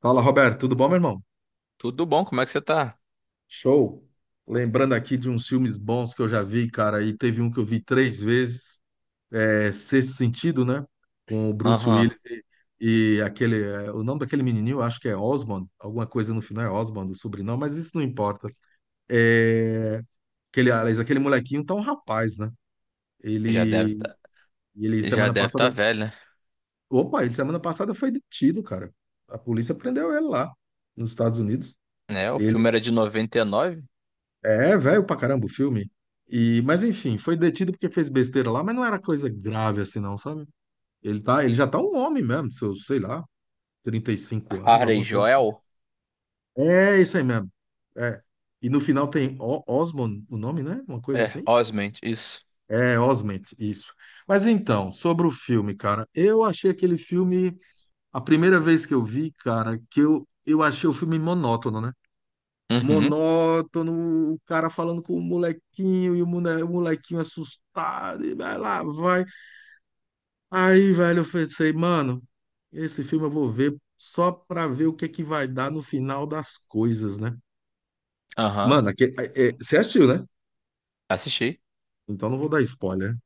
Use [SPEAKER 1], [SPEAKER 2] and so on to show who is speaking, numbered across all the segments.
[SPEAKER 1] Fala, Roberto, tudo bom, meu irmão?
[SPEAKER 2] Tudo bom, como é que você tá?
[SPEAKER 1] Show. Lembrando aqui de uns filmes bons que eu já vi, cara, e teve um que eu vi três vezes, é Sexto Sentido, né? Com o Bruce
[SPEAKER 2] Aham.
[SPEAKER 1] Willis e aquele, o nome daquele menininho, acho que é Osmond, alguma coisa no final é Osmond, o sobrenome, mas isso não importa. É, aquele, aliás, aquele molequinho tá um rapaz, né?
[SPEAKER 2] Já deve
[SPEAKER 1] Ele,
[SPEAKER 2] tá,
[SPEAKER 1] ele
[SPEAKER 2] já
[SPEAKER 1] semana
[SPEAKER 2] deve tá
[SPEAKER 1] passada,
[SPEAKER 2] velho, né?
[SPEAKER 1] ele semana passada foi detido, cara. A polícia prendeu ele lá, nos Estados Unidos.
[SPEAKER 2] Né, o filme era de 99.
[SPEAKER 1] É velho pra caramba o filme. E, mas enfim, foi detido porque fez besteira lá, mas não era coisa grave assim, não, sabe? Ele já tá um homem mesmo, seus, sei lá, 35 anos,
[SPEAKER 2] Harry
[SPEAKER 1] alguma coisa assim.
[SPEAKER 2] Joel?
[SPEAKER 1] É isso aí mesmo. É. E no final tem Osmond, o nome, né? Uma coisa
[SPEAKER 2] É,
[SPEAKER 1] assim.
[SPEAKER 2] Osment, isso.
[SPEAKER 1] É, Osment, isso. Mas então, sobre o filme, cara, eu achei aquele filme, a primeira vez que eu vi, cara, que eu achei o filme monótono, né?
[SPEAKER 2] Uhum.
[SPEAKER 1] Monótono, o cara falando com o molequinho e o molequinho assustado, e vai lá, vai. Aí, velho, eu pensei, mano, esse filme eu vou ver só pra ver o que é que vai dar no final das coisas, né?
[SPEAKER 2] Aham.
[SPEAKER 1] Mano, aqui, você assistiu, né?
[SPEAKER 2] Assisti.
[SPEAKER 1] Então não vou dar spoiler.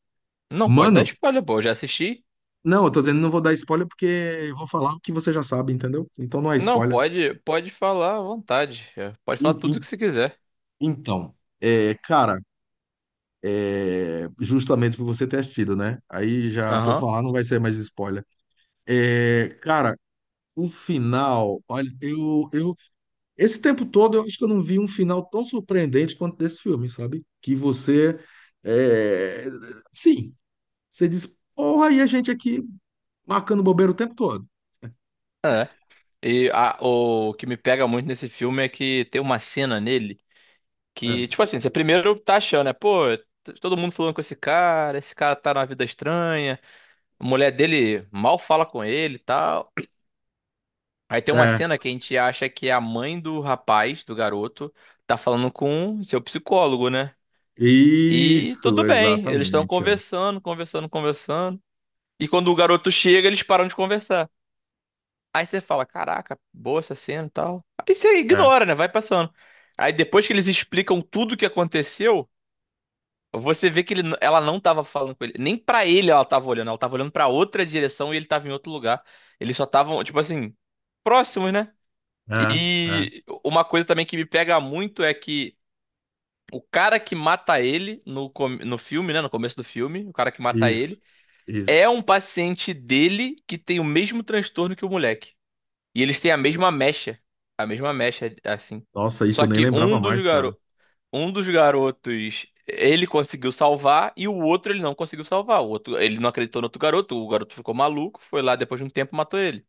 [SPEAKER 2] Não, pode dar
[SPEAKER 1] Mano,
[SPEAKER 2] spoiler, pô, eu já assisti.
[SPEAKER 1] não, eu tô dizendo não vou dar spoiler porque eu vou falar o que você já sabe, entendeu? Então não é
[SPEAKER 2] Não,
[SPEAKER 1] spoiler.
[SPEAKER 2] pode, pode falar à vontade. Pode falar
[SPEAKER 1] In-
[SPEAKER 2] tudo o
[SPEAKER 1] in-
[SPEAKER 2] que você quiser.
[SPEAKER 1] Então, é, cara, é, justamente por você ter assistido, né? Aí já o que eu
[SPEAKER 2] Aham.
[SPEAKER 1] falar não vai ser mais spoiler. É, cara, o final, olha, eu, esse tempo todo eu acho que eu não vi um final tão surpreendente quanto desse filme, sabe? Que você, é, sim, você diz, porra, e a gente aqui marcando bobeira o tempo todo.
[SPEAKER 2] É. O que me pega muito nesse filme é que tem uma cena nele
[SPEAKER 1] É,
[SPEAKER 2] que, tipo assim, você primeiro tá achando, né? Pô, todo mundo falando com esse cara tá numa vida estranha. A mulher dele mal fala com ele e tal. Aí tem uma
[SPEAKER 1] é,
[SPEAKER 2] cena que a gente acha que é a mãe do rapaz, do garoto, tá falando com seu psicólogo, né? E
[SPEAKER 1] isso,
[SPEAKER 2] tudo bem, eles estão
[SPEAKER 1] exatamente, é,
[SPEAKER 2] conversando, conversando, conversando. E quando o garoto chega, eles param de conversar. Aí você fala, caraca, boa essa cena e tal. Aí você
[SPEAKER 1] é,
[SPEAKER 2] ignora, né? Vai passando. Aí depois que eles explicam tudo o que aconteceu, você vê que ele, ela não tava falando com ele. Nem pra ele ela tava olhando. Ela tava olhando pra outra direção e ele tava em outro lugar. Eles só estavam, tipo assim, próximos, né?
[SPEAKER 1] é, é,
[SPEAKER 2] E uma coisa também que me pega muito é que o cara que mata ele no filme, né? No começo do filme, o cara que mata
[SPEAKER 1] isso,
[SPEAKER 2] ele
[SPEAKER 1] isso.
[SPEAKER 2] é um paciente dele que tem o mesmo transtorno que o moleque. E eles têm a mesma mecha. A mesma mecha, assim.
[SPEAKER 1] Nossa, isso
[SPEAKER 2] Só
[SPEAKER 1] eu nem
[SPEAKER 2] que
[SPEAKER 1] lembrava mais, cara.
[SPEAKER 2] um dos garotos ele conseguiu salvar e o outro ele não conseguiu salvar. O outro, ele não acreditou no outro garoto, o garoto ficou maluco, foi lá depois de um tempo e matou ele.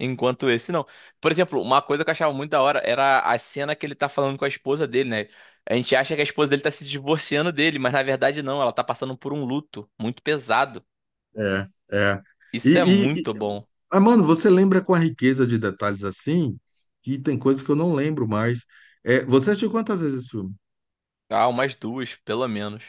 [SPEAKER 2] Enquanto esse não. Por exemplo, uma coisa que eu achava muito da hora era a cena que ele tá falando com a esposa dele, né? A gente acha que a esposa dele tá se divorciando dele, mas na verdade não, ela tá passando por um luto muito pesado.
[SPEAKER 1] É, é. E,
[SPEAKER 2] Isso é
[SPEAKER 1] e, e-
[SPEAKER 2] muito bom.
[SPEAKER 1] ah, mano, você lembra com a riqueza de detalhes assim? Que tem coisas que eu não lembro mais. É, você assistiu quantas vezes esse filme?
[SPEAKER 2] Ah, umas duas, pelo menos.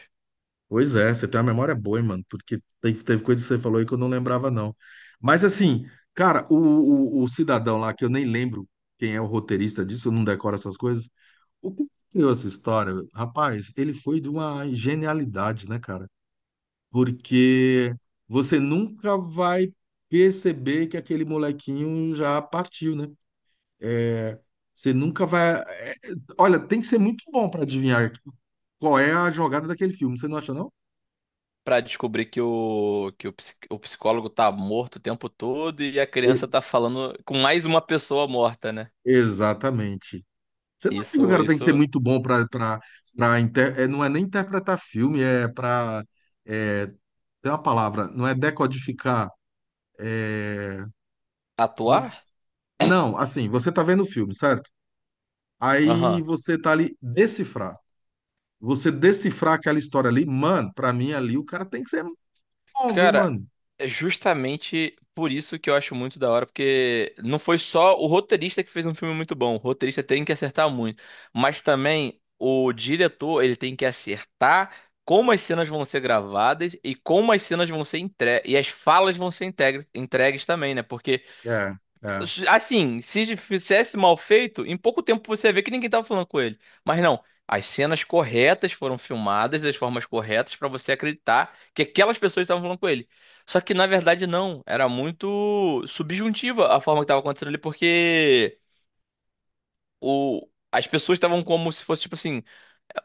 [SPEAKER 1] Pois é, você tem uma memória boa, hein, mano, porque teve coisas que você falou aí que eu não lembrava, não. Mas assim, cara, o cidadão lá, que eu nem lembro quem é o roteirista disso, eu não decoro essas coisas. O que criou essa história? Rapaz, ele foi de uma genialidade, né, cara? Porque você nunca vai perceber que aquele molequinho já partiu, né? É, você nunca vai. É, olha, tem que ser muito bom para adivinhar qual é a jogada daquele filme, você não acha, não?
[SPEAKER 2] Pra descobrir que o psicólogo tá morto o tempo todo e a
[SPEAKER 1] E-
[SPEAKER 2] criança tá falando com mais uma pessoa morta, né?
[SPEAKER 1] exatamente. Você não acha que o
[SPEAKER 2] Isso,
[SPEAKER 1] cara tem que ser
[SPEAKER 2] isso.
[SPEAKER 1] muito bom para é, não é nem interpretar filme, é para é, tem uma palavra, não é decodificar. Não,
[SPEAKER 2] Atuar?
[SPEAKER 1] não, assim, você tá vendo o filme, certo? Aí
[SPEAKER 2] Aham.
[SPEAKER 1] você tá ali decifrar. Você decifrar aquela história ali, mano, pra mim ali o cara tem que ser bom, viu,
[SPEAKER 2] Cara,
[SPEAKER 1] mano?
[SPEAKER 2] é justamente por isso que eu acho muito da hora, porque não foi só o roteirista que fez um filme muito bom. O roteirista tem que acertar muito, mas também o diretor, ele tem que acertar como as cenas vão ser gravadas e como as cenas vão ser entregues e as falas vão ser entregues também, né? Porque
[SPEAKER 1] É, é,
[SPEAKER 2] assim, se fizesse mal feito, em pouco tempo você ia ver que ninguém tava falando com ele. Mas não, as cenas corretas foram filmadas das formas corretas pra você acreditar que aquelas pessoas estavam falando com ele. Só que na verdade não, era muito subjuntiva a forma que tava acontecendo ali, porque as pessoas estavam como se fosse tipo assim,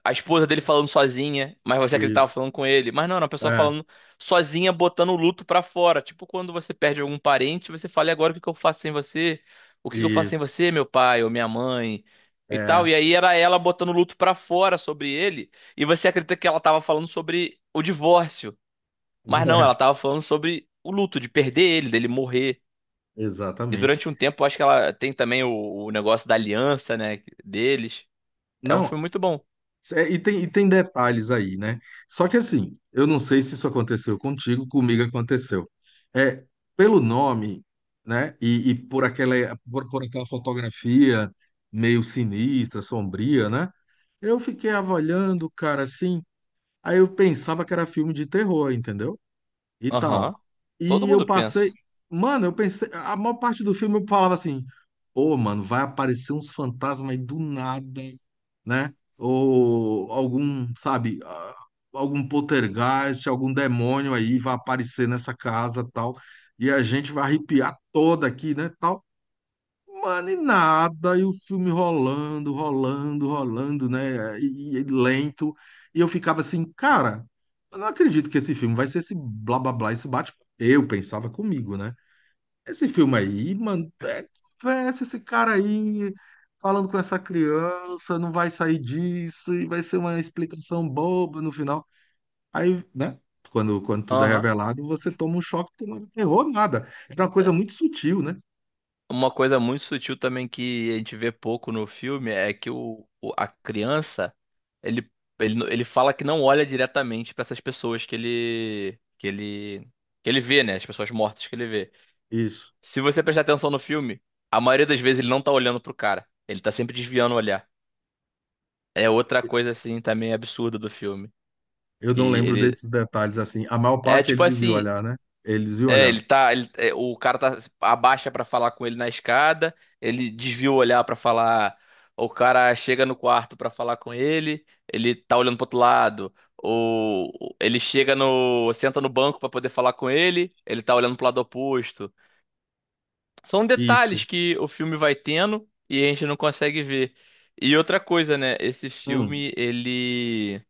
[SPEAKER 2] a esposa dele falando sozinha, mas você acreditava
[SPEAKER 1] isso,
[SPEAKER 2] falando com ele. Mas não, era uma pessoa
[SPEAKER 1] é,
[SPEAKER 2] falando sozinha, botando o luto pra fora. Tipo quando você perde algum parente, você fala, e agora o que que eu faço sem você? O que que eu faço sem
[SPEAKER 1] isso,
[SPEAKER 2] você, meu pai ou minha mãe? E tal.
[SPEAKER 1] é,
[SPEAKER 2] E aí era ela botando o luto pra fora sobre ele, e você acredita que ela tava falando sobre o divórcio. Mas não,
[SPEAKER 1] é,
[SPEAKER 2] ela tava falando sobre o luto de perder ele, dele morrer. E
[SPEAKER 1] exatamente.
[SPEAKER 2] durante um tempo, eu acho que ela tem também o negócio da aliança, né, deles. É um
[SPEAKER 1] Não,
[SPEAKER 2] filme muito bom.
[SPEAKER 1] é, e tem detalhes aí, né? Só que assim, eu não sei se isso aconteceu contigo, comigo aconteceu. É, pelo nome, né, e por aquela, por aquela fotografia meio sinistra, sombria, né? Eu fiquei avaliando o cara assim. Aí eu pensava que era filme de terror, entendeu? E tal.
[SPEAKER 2] Aham. Todo
[SPEAKER 1] E
[SPEAKER 2] mundo
[SPEAKER 1] eu passei.
[SPEAKER 2] pensa.
[SPEAKER 1] Mano, eu pensei. A maior parte do filme eu falava assim: Ô, mano, vai aparecer uns fantasmas aí do nada, né? Ou algum, sabe, ah, algum poltergeist, algum demônio aí vai aparecer nessa casa tal. E a gente vai arrepiar toda aqui, né? Tal. Mano, e nada, e o filme rolando, rolando, rolando, né? E lento. E eu ficava assim, cara, eu não acredito que esse filme vai ser esse blá blá blá, esse bate. Eu pensava comigo, né? Esse filme aí, mano, é conversa, esse cara aí falando com essa criança, não vai sair disso, e vai ser uma explicação boba no final. Aí, né? Quando tudo é
[SPEAKER 2] Aham.
[SPEAKER 1] revelado, você toma um choque que não era terror, nada. Era uma coisa muito sutil, né?
[SPEAKER 2] Uma coisa muito sutil também que a gente vê pouco no filme é que a criança ele, ele fala que não olha diretamente para essas pessoas que ele que ele que ele vê, né? As pessoas mortas que ele vê.
[SPEAKER 1] Isso.
[SPEAKER 2] Se você prestar atenção no filme, a maioria das vezes ele não tá olhando pro cara. Ele tá sempre desviando o olhar. É outra coisa assim também absurda do filme,
[SPEAKER 1] Eu não
[SPEAKER 2] que
[SPEAKER 1] lembro
[SPEAKER 2] ele
[SPEAKER 1] desses detalhes assim. A maior
[SPEAKER 2] é
[SPEAKER 1] parte ele
[SPEAKER 2] tipo
[SPEAKER 1] dizia
[SPEAKER 2] assim,
[SPEAKER 1] olhar, né? Ele dizia
[SPEAKER 2] é,
[SPEAKER 1] olhar.
[SPEAKER 2] ele tá, é, o cara tá abaixa pra falar com ele na escada, ele desvia o olhar pra falar, o cara chega no quarto pra falar com ele, ele tá olhando pro outro lado, ou ele chega no, senta no banco pra poder falar com ele, ele tá olhando pro lado oposto. São detalhes
[SPEAKER 1] Isso.
[SPEAKER 2] que o filme vai tendo e a gente não consegue ver. E outra coisa, né, esse
[SPEAKER 1] Hum.
[SPEAKER 2] filme ele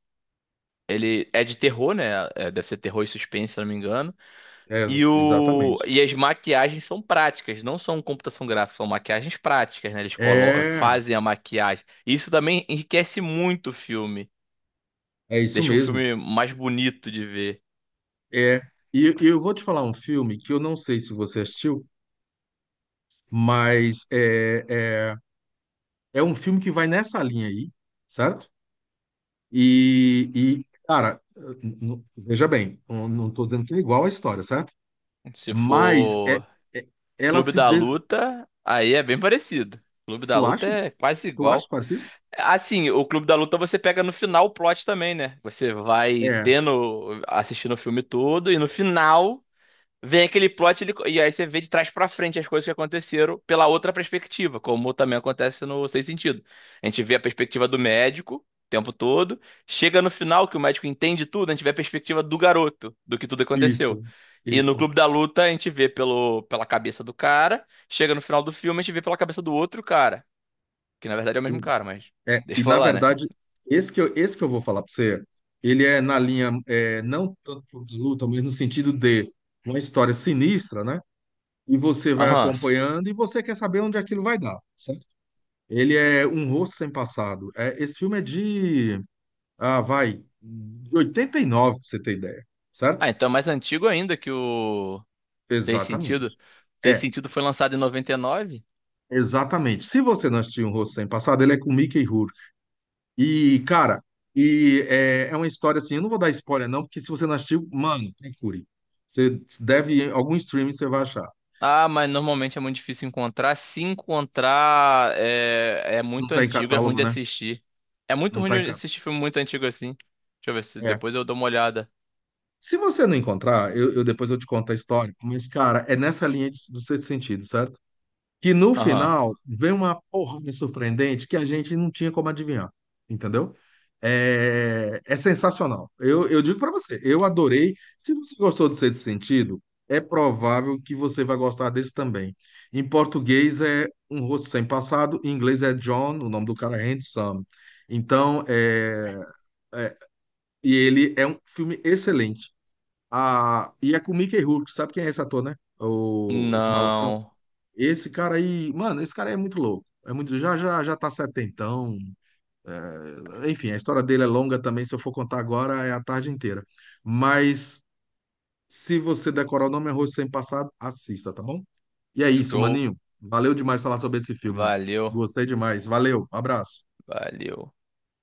[SPEAKER 2] ele é de terror, né? É, deve ser terror e suspense, se eu não me engano.
[SPEAKER 1] É,
[SPEAKER 2] E,
[SPEAKER 1] exatamente.
[SPEAKER 2] e as maquiagens são práticas, não são computação gráfica, são maquiagens práticas, né? Eles
[SPEAKER 1] É,
[SPEAKER 2] fazem a maquiagem. Isso também enriquece muito o filme.
[SPEAKER 1] é isso
[SPEAKER 2] Deixa um
[SPEAKER 1] mesmo.
[SPEAKER 2] filme mais bonito de ver.
[SPEAKER 1] É. E eu vou te falar um filme que eu não sei se você assistiu, mas é, é um filme que vai nessa linha aí, certo? E, e cara, veja bem, eu não estou dizendo que é igual à história, certo?
[SPEAKER 2] Se
[SPEAKER 1] Mas
[SPEAKER 2] for
[SPEAKER 1] é- ela
[SPEAKER 2] Clube
[SPEAKER 1] se
[SPEAKER 2] da
[SPEAKER 1] des...
[SPEAKER 2] Luta, aí é bem parecido. Clube da
[SPEAKER 1] Tu
[SPEAKER 2] Luta
[SPEAKER 1] acha?
[SPEAKER 2] é quase
[SPEAKER 1] Tu acha
[SPEAKER 2] igual.
[SPEAKER 1] parecido?
[SPEAKER 2] Assim, o Clube da Luta você pega no final o plot também, né? Você vai
[SPEAKER 1] É,
[SPEAKER 2] tendo, assistindo o filme todo e no final vem aquele plot e aí você vê de trás pra frente as coisas que aconteceram pela outra perspectiva, como também acontece no Sem Sentido. A gente vê a perspectiva do médico o tempo todo, chega no final que o médico entende tudo, a gente vê a perspectiva do garoto, do que tudo aconteceu.
[SPEAKER 1] isso,
[SPEAKER 2] E no
[SPEAKER 1] isso.
[SPEAKER 2] Clube da Luta a gente vê pela cabeça do cara, chega no final do filme a gente vê pela cabeça do outro cara, que na verdade é o mesmo cara, mas
[SPEAKER 1] É,
[SPEAKER 2] deixa
[SPEAKER 1] e
[SPEAKER 2] eu
[SPEAKER 1] na
[SPEAKER 2] falar, né?
[SPEAKER 1] verdade, esse que eu vou falar para você, ele é na linha, é, não tanto por luta, mas no sentido de uma história sinistra, né? E você vai
[SPEAKER 2] Aham.
[SPEAKER 1] acompanhando e você quer saber onde aquilo vai dar, certo? Ele é Um Rosto Sem Passado. É, esse filme é de, ah, vai, de 89 para você ter ideia, certo?
[SPEAKER 2] Ah, então é mais antigo ainda que o Sem
[SPEAKER 1] Exatamente.
[SPEAKER 2] Sentido. Sem
[SPEAKER 1] É,
[SPEAKER 2] Sentido foi lançado em 99.
[SPEAKER 1] exatamente. Se você não assistiu Um Rosto Sem Passado, ele é com Mickey Rourke. E, cara, é uma história assim, eu não vou dar spoiler não, porque se você não assistiu, mano, procure. Você deve, em algum streaming você vai achar.
[SPEAKER 2] Ah, mas normalmente é muito difícil encontrar. Se encontrar, é, é
[SPEAKER 1] Não
[SPEAKER 2] muito
[SPEAKER 1] tá em
[SPEAKER 2] antigo, é ruim
[SPEAKER 1] catálogo,
[SPEAKER 2] de
[SPEAKER 1] né?
[SPEAKER 2] assistir. É muito
[SPEAKER 1] Não
[SPEAKER 2] ruim
[SPEAKER 1] tá em
[SPEAKER 2] de
[SPEAKER 1] catálogo.
[SPEAKER 2] assistir filme muito antigo assim. Deixa eu ver se
[SPEAKER 1] É.
[SPEAKER 2] depois eu dou uma olhada.
[SPEAKER 1] Se você não encontrar, eu depois eu te conto a história. Mas, cara, é nessa linha do Sexto Sentido, certo? Que no
[SPEAKER 2] Aham.
[SPEAKER 1] final vem uma porrada surpreendente que a gente não tinha como adivinhar, entendeu? É, é sensacional. Eu digo para você, eu adorei. Se você gostou do Sexto Sentido, é provável que você vai gostar desse também. Em português é Um Rosto Sem Passado, em inglês é John, o nome do cara é Handsome. Então, é- e ele é um filme excelente. Ah, e é com Mickey Rourke, sabe quem é esse ator, né? O, esse malucão?
[SPEAKER 2] Não.
[SPEAKER 1] Esse cara aí, mano, esse cara aí é muito louco. É muito, já já já tá setentão. É, enfim, a história dele é longa também. Se eu for contar agora, é a tarde inteira. Mas se você decorar o nome é Arroz Sem Passado, assista, tá bom? E é isso,
[SPEAKER 2] Show.
[SPEAKER 1] maninho. Valeu demais falar sobre esse filme.
[SPEAKER 2] Valeu.
[SPEAKER 1] Gostei demais. Valeu, abraço.
[SPEAKER 2] Valeu.